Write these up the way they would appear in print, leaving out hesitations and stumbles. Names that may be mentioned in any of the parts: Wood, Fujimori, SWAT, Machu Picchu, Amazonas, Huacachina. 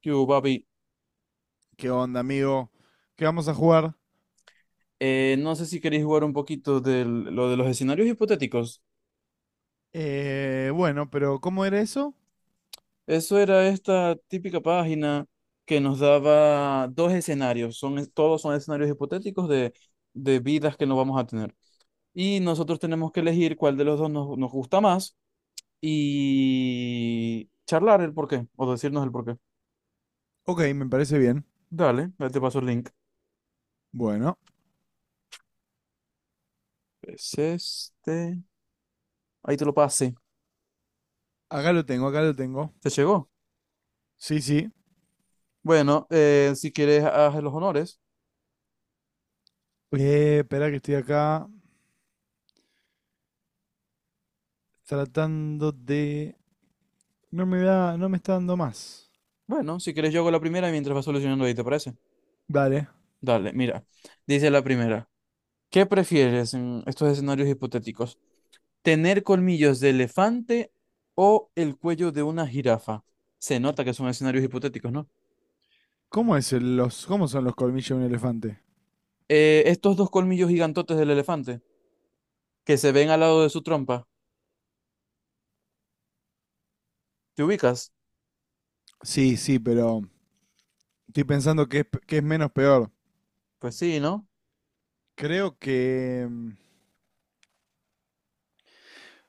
¿Qué hubo, papi? ¿Qué onda, amigo? ¿Qué vamos a jugar? No sé si queréis jugar un poquito de lo de los escenarios hipotéticos. Bueno, pero ¿cómo era eso? Eso era esta típica página que nos daba dos escenarios. Todos son escenarios hipotéticos de vidas que no vamos a tener. Y nosotros tenemos que elegir cuál de los dos nos gusta más y charlar el porqué o decirnos el porqué. Ok, me parece bien. Dale, ahí te paso el link. Bueno, Es este. Ahí te lo pasé. acá lo tengo, acá lo tengo. ¿Te llegó? Sí, sí. Bueno, si quieres, haz los honores. Espera que estoy acá tratando de. No me da, no me está dando más. Bueno, si quieres yo hago la primera mientras vas solucionando ahí, ¿te parece? Dale. Dale, mira. Dice la primera. ¿Qué prefieres en estos escenarios hipotéticos? ¿Tener colmillos de elefante o el cuello de una jirafa? Se nota que son escenarios hipotéticos, ¿no? ¿Cómo son los colmillos de un elefante? Estos dos colmillos gigantotes del elefante que se ven al lado de su trompa, ¿te ubicas? Sí, sí, pero estoy pensando que es menos peor. Pues sí, ¿no? Creo que...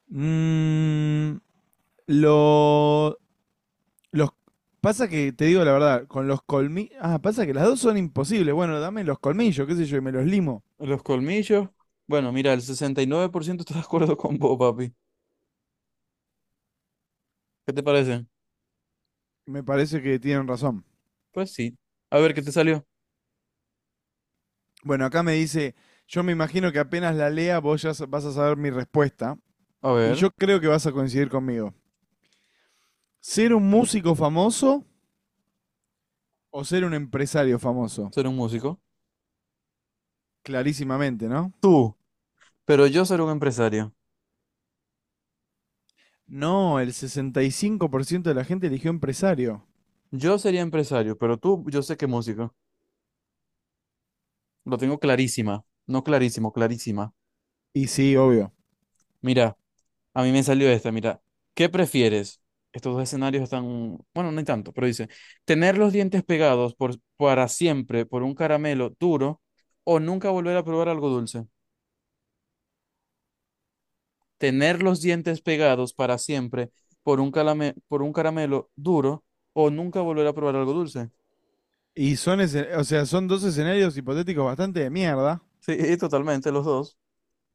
mm, lo, Los, pasa que, te digo la verdad, con los colmillos. Ah, pasa que las dos son imposibles. Bueno, dame los colmillos, qué sé yo, y me los limo. Los colmillos. Bueno, mira, el 69% está de acuerdo con vos, papi. ¿Qué te parece? Me parece que tienen razón. Pues sí. A ver, ¿qué te salió? Bueno, acá me dice, yo me imagino que apenas la lea vos ya vas a saber mi respuesta. A Y ver, yo creo que vas a coincidir conmigo. ¿Ser un músico famoso o ser un empresario famoso? ser un músico. Clarísimamente, ¿no? Tú. Pero yo seré un empresario. No, el 65% de la gente eligió empresario. Yo sería empresario, pero tú, yo sé que músico. Lo tengo clarísima. No clarísimo, clarísima. Y sí, obvio. Mira, a mí me salió esta, mira. ¿Qué prefieres? Estos dos escenarios están, bueno, no hay tanto, pero dice, tener los dientes pegados para siempre por un caramelo duro o nunca volver a probar algo dulce. Tener los dientes pegados para siempre por un por un caramelo duro o nunca volver a probar algo dulce. Y o sea, son dos escenarios hipotéticos bastante de mierda. Sí, totalmente, los dos.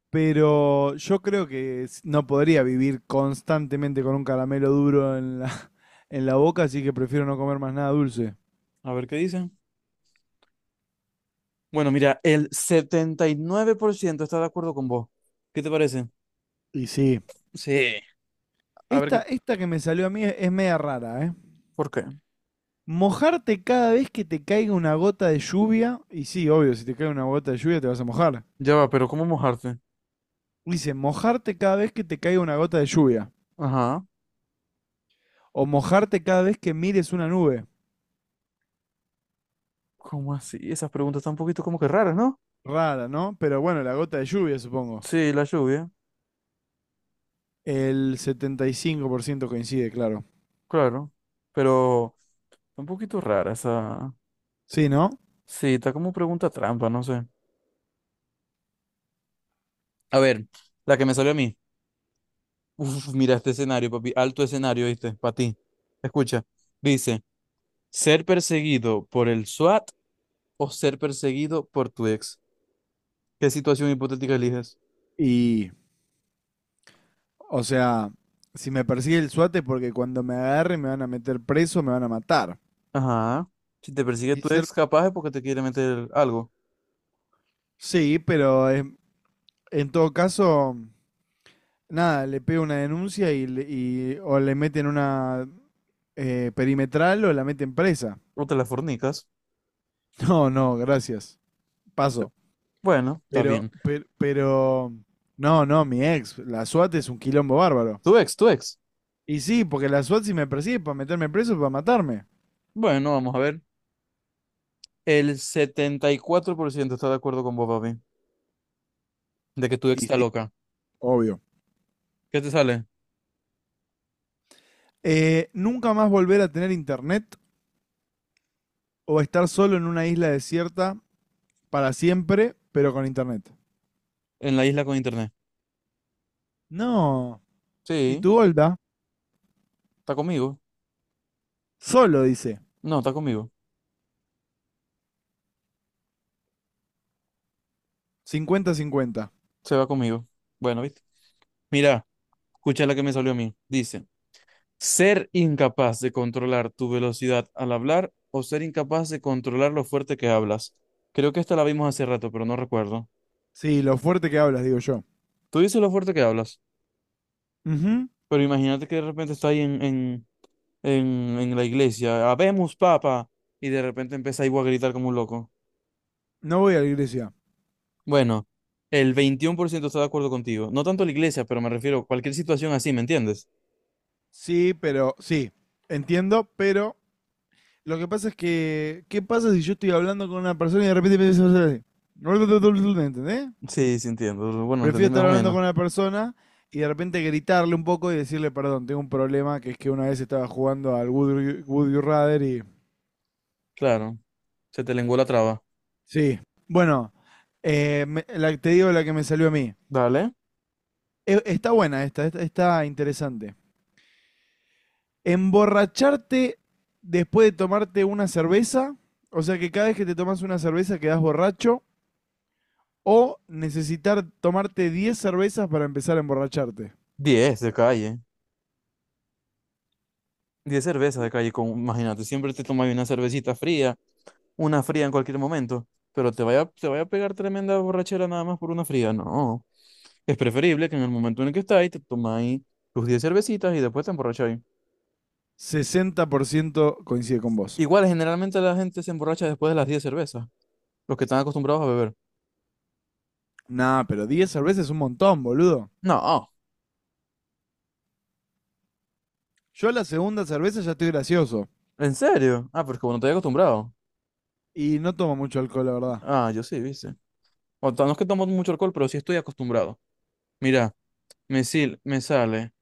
Pero yo creo que no podría vivir constantemente con un caramelo duro en la en la boca, así que prefiero no comer más nada dulce. A ver qué dicen. Bueno, mira, el 79% está de acuerdo con vos. ¿Qué te parece? Y sí. Sí. A ver, Esta, qué- esta que me salió a mí es media rara, ¿eh? ¿por qué? Mojarte cada vez que te caiga una gota de lluvia. Y sí, obvio, si te cae una gota de lluvia te vas a mojar. Ya va, pero ¿cómo mojarte? Dice, mojarte cada vez que te caiga una gota de lluvia. Ajá. O mojarte cada vez que mires una nube. ¿Cómo así? Esas preguntas están un poquito como que raras, ¿no? Rara, ¿no? Pero bueno, la gota de lluvia, supongo. Sí, la lluvia, El 75% coincide, claro. claro. Pero está un poquito rara esa. Sí, ¿no? Sí, está como pregunta trampa, no sé. A ver, la que me salió a mí. Uf, mira este escenario, papi. Alto escenario, ¿viste? Para ti. Escucha. Dice, ¿ser perseguido por el SWAT o ser perseguido por tu ex? ¿Qué situación hipotética eliges? Y, o sea, si me persigue el SWAT es porque cuando me agarre me van a meter preso, me van a matar. Ajá. Si te persigue Y tu ser- ex, capaz es porque te quiere meter algo. Sí, pero en todo caso, nada, le pego una denuncia o le meten una perimetral o la meten presa. O te la fornicas. No, no, gracias. Sí. Paso. Bueno, está Pero, bien. pero, pero, no, no, mi ex, la SWAT es un quilombo bárbaro. Tu ex, tu ex. Y sí, porque la SWAT si me persigue es para meterme preso, para matarme. Bueno, vamos a ver. El 74% está de acuerdo con vos, papi. De que tu ex Y está sí. loca. Obvio. ¿Qué te sale? Nunca más volver a tener internet o estar solo en una isla desierta para siempre, pero con internet. En la isla con internet. No. ¿Y Sí, tu Golda? está conmigo. Solo, dice. No, está conmigo. 50/50. Se va conmigo. Bueno, ¿viste? Mira, escucha la que me salió a mí. Dice. Ser incapaz de controlar tu velocidad al hablar o ser incapaz de controlar lo fuerte que hablas. Creo que esta la vimos hace rato, pero no recuerdo. Sí, lo fuerte que hablas, digo yo. Tú dices lo fuerte que hablas, Ujú. pero imagínate que de repente está ahí en la iglesia, habemos papa, y de repente empieza ahí a gritar como un loco. No voy a la iglesia. Bueno, el 21% está de acuerdo contigo. No tanto la iglesia, pero me refiero a cualquier situación así, ¿me entiendes? Sí, pero sí. Entiendo, pero lo que pasa es que, ¿qué pasa si yo estoy hablando con una persona y de repente me dice, ¿entendés? Sí, sí entiendo. Bueno, Prefiero entendí más estar o hablando menos. con una persona y de repente gritarle un poco y decirle, perdón, tengo un problema, que es que una vez estaba jugando al Would You Rather Claro, se te lenguó la traba. Sí. Bueno, te digo la que me salió a mí. Dale. Está buena esta. Está interesante. Emborracharte después de tomarte una cerveza, o sea que cada vez que te tomas una cerveza quedas borracho, o necesitar tomarte 10 cervezas para empezar a emborracharte. 10 de calle. 10 cervezas de calle, con, imagínate, siempre te tomas una cervecita fría, una fría en cualquier momento, pero te vaya a pegar tremenda borrachera nada más por una fría, no. Es preferible que en el momento en el que estáis, te tomáis tus 10 cervecitas y después te emborracháis. 60% coincide con vos. Igual, generalmente la gente se emborracha después de las 10 cervezas, los que están acostumbrados a beber. Nah, pero 10 cervezas es un montón, boludo. No, Yo a la segunda cerveza ya estoy gracioso. ¿en serio? Ah, pero es que bueno no te acostumbrado. Y no tomo mucho alcohol, la verdad. Ah, yo sí, viste. O sea, no es que tomo mucho alcohol, pero sí estoy acostumbrado. Mira, me sale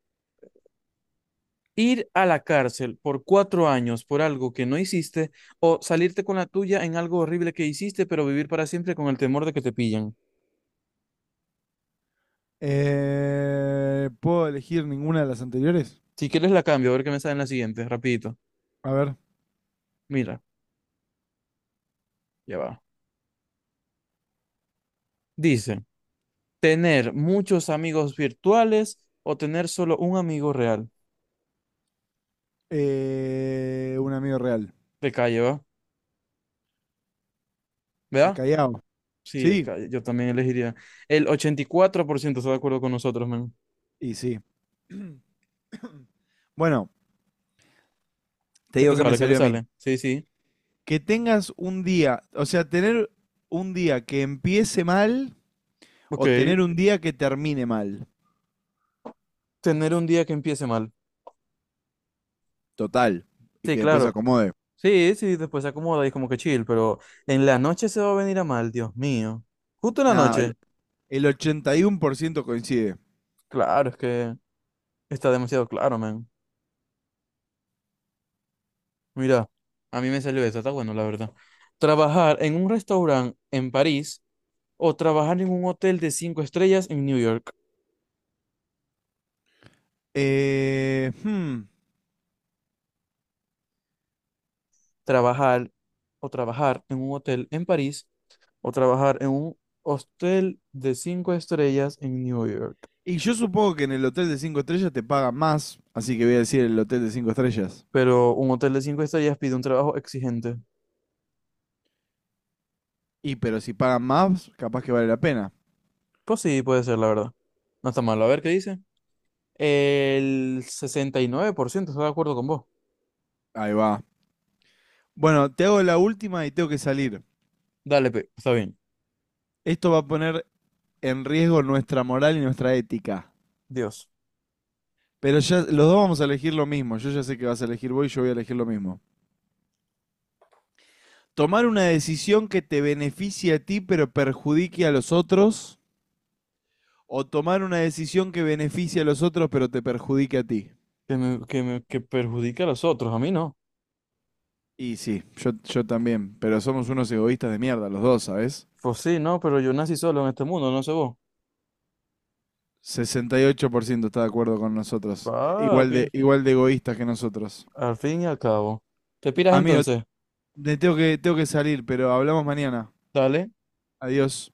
ir a la cárcel por 4 años por algo que no hiciste o salirte con la tuya en algo horrible que hiciste, pero vivir para siempre con el temor de que te pillan. ¿Puedo elegir ninguna de las anteriores? Si quieres la cambio, a ver qué me sale en la siguiente, rapidito. A ver. Mira, ya va. Dice, tener muchos amigos virtuales o tener solo un amigo real. Un amigo real. De calle, ¿va? De ¿Verdad? Callao. Sí, de Sí, calle. Yo también elegiría. El 84% está de acuerdo con nosotros, man. y sí. Bueno, te ¿Qué te digo que me sale? ¿Qué te salió a mí. sale? Sí, sí. Que tengas un día, o sea, tener un día que empiece mal Ok. o tener un día que termine mal. Tener un día que empiece mal. Total. Y Sí, que después se claro. acomode. Sí, sí, después se acomoda y como que chill, pero en la noche se va a venir a mal, Dios mío. Justo en la Nah, el noche. el 81% coincide. Claro, es que está demasiado claro, man. Mira, a mí me salió eso, está bueno, la verdad. Trabajar en un restaurante en París o trabajar en un hotel de 5 estrellas en New York. Eh, hmm, Trabajar o trabajar en un hotel en París o trabajar en un hotel de cinco estrellas en New York. Y yo supongo que en el hotel de 5 estrellas te pagan más, así que voy a decir el hotel de 5 estrellas. Pero un hotel de cinco estrellas pide un trabajo exigente. Y pero si pagan más, capaz que vale la pena. Pues sí, puede ser, la verdad. No está malo. A ver qué dice. El 69% está de acuerdo con vos. Ahí va. Bueno, te hago la última y tengo que salir. Dale, pe, está bien. Esto va a poner en riesgo nuestra moral y nuestra ética. Dios. Pero ya los dos vamos a elegir lo mismo. Yo ya sé que vas a elegir vos y yo voy a elegir lo mismo. Tomar una decisión que te beneficie a ti pero perjudique a los otros o tomar una decisión que beneficie a los otros pero te perjudique a ti. Que perjudique a los otros, a mí no. Y sí, yo también, pero somos unos egoístas de mierda, los dos, ¿sabes? Pues sí, no, pero yo nací solo en este mundo, no sé vos. 68% está de acuerdo con nosotros, igual de, Papi, igual de egoístas que nosotros. al fin y al cabo. ¿Te piras Amigo, entonces? tengo que salir, pero hablamos mañana. Dale. Adiós.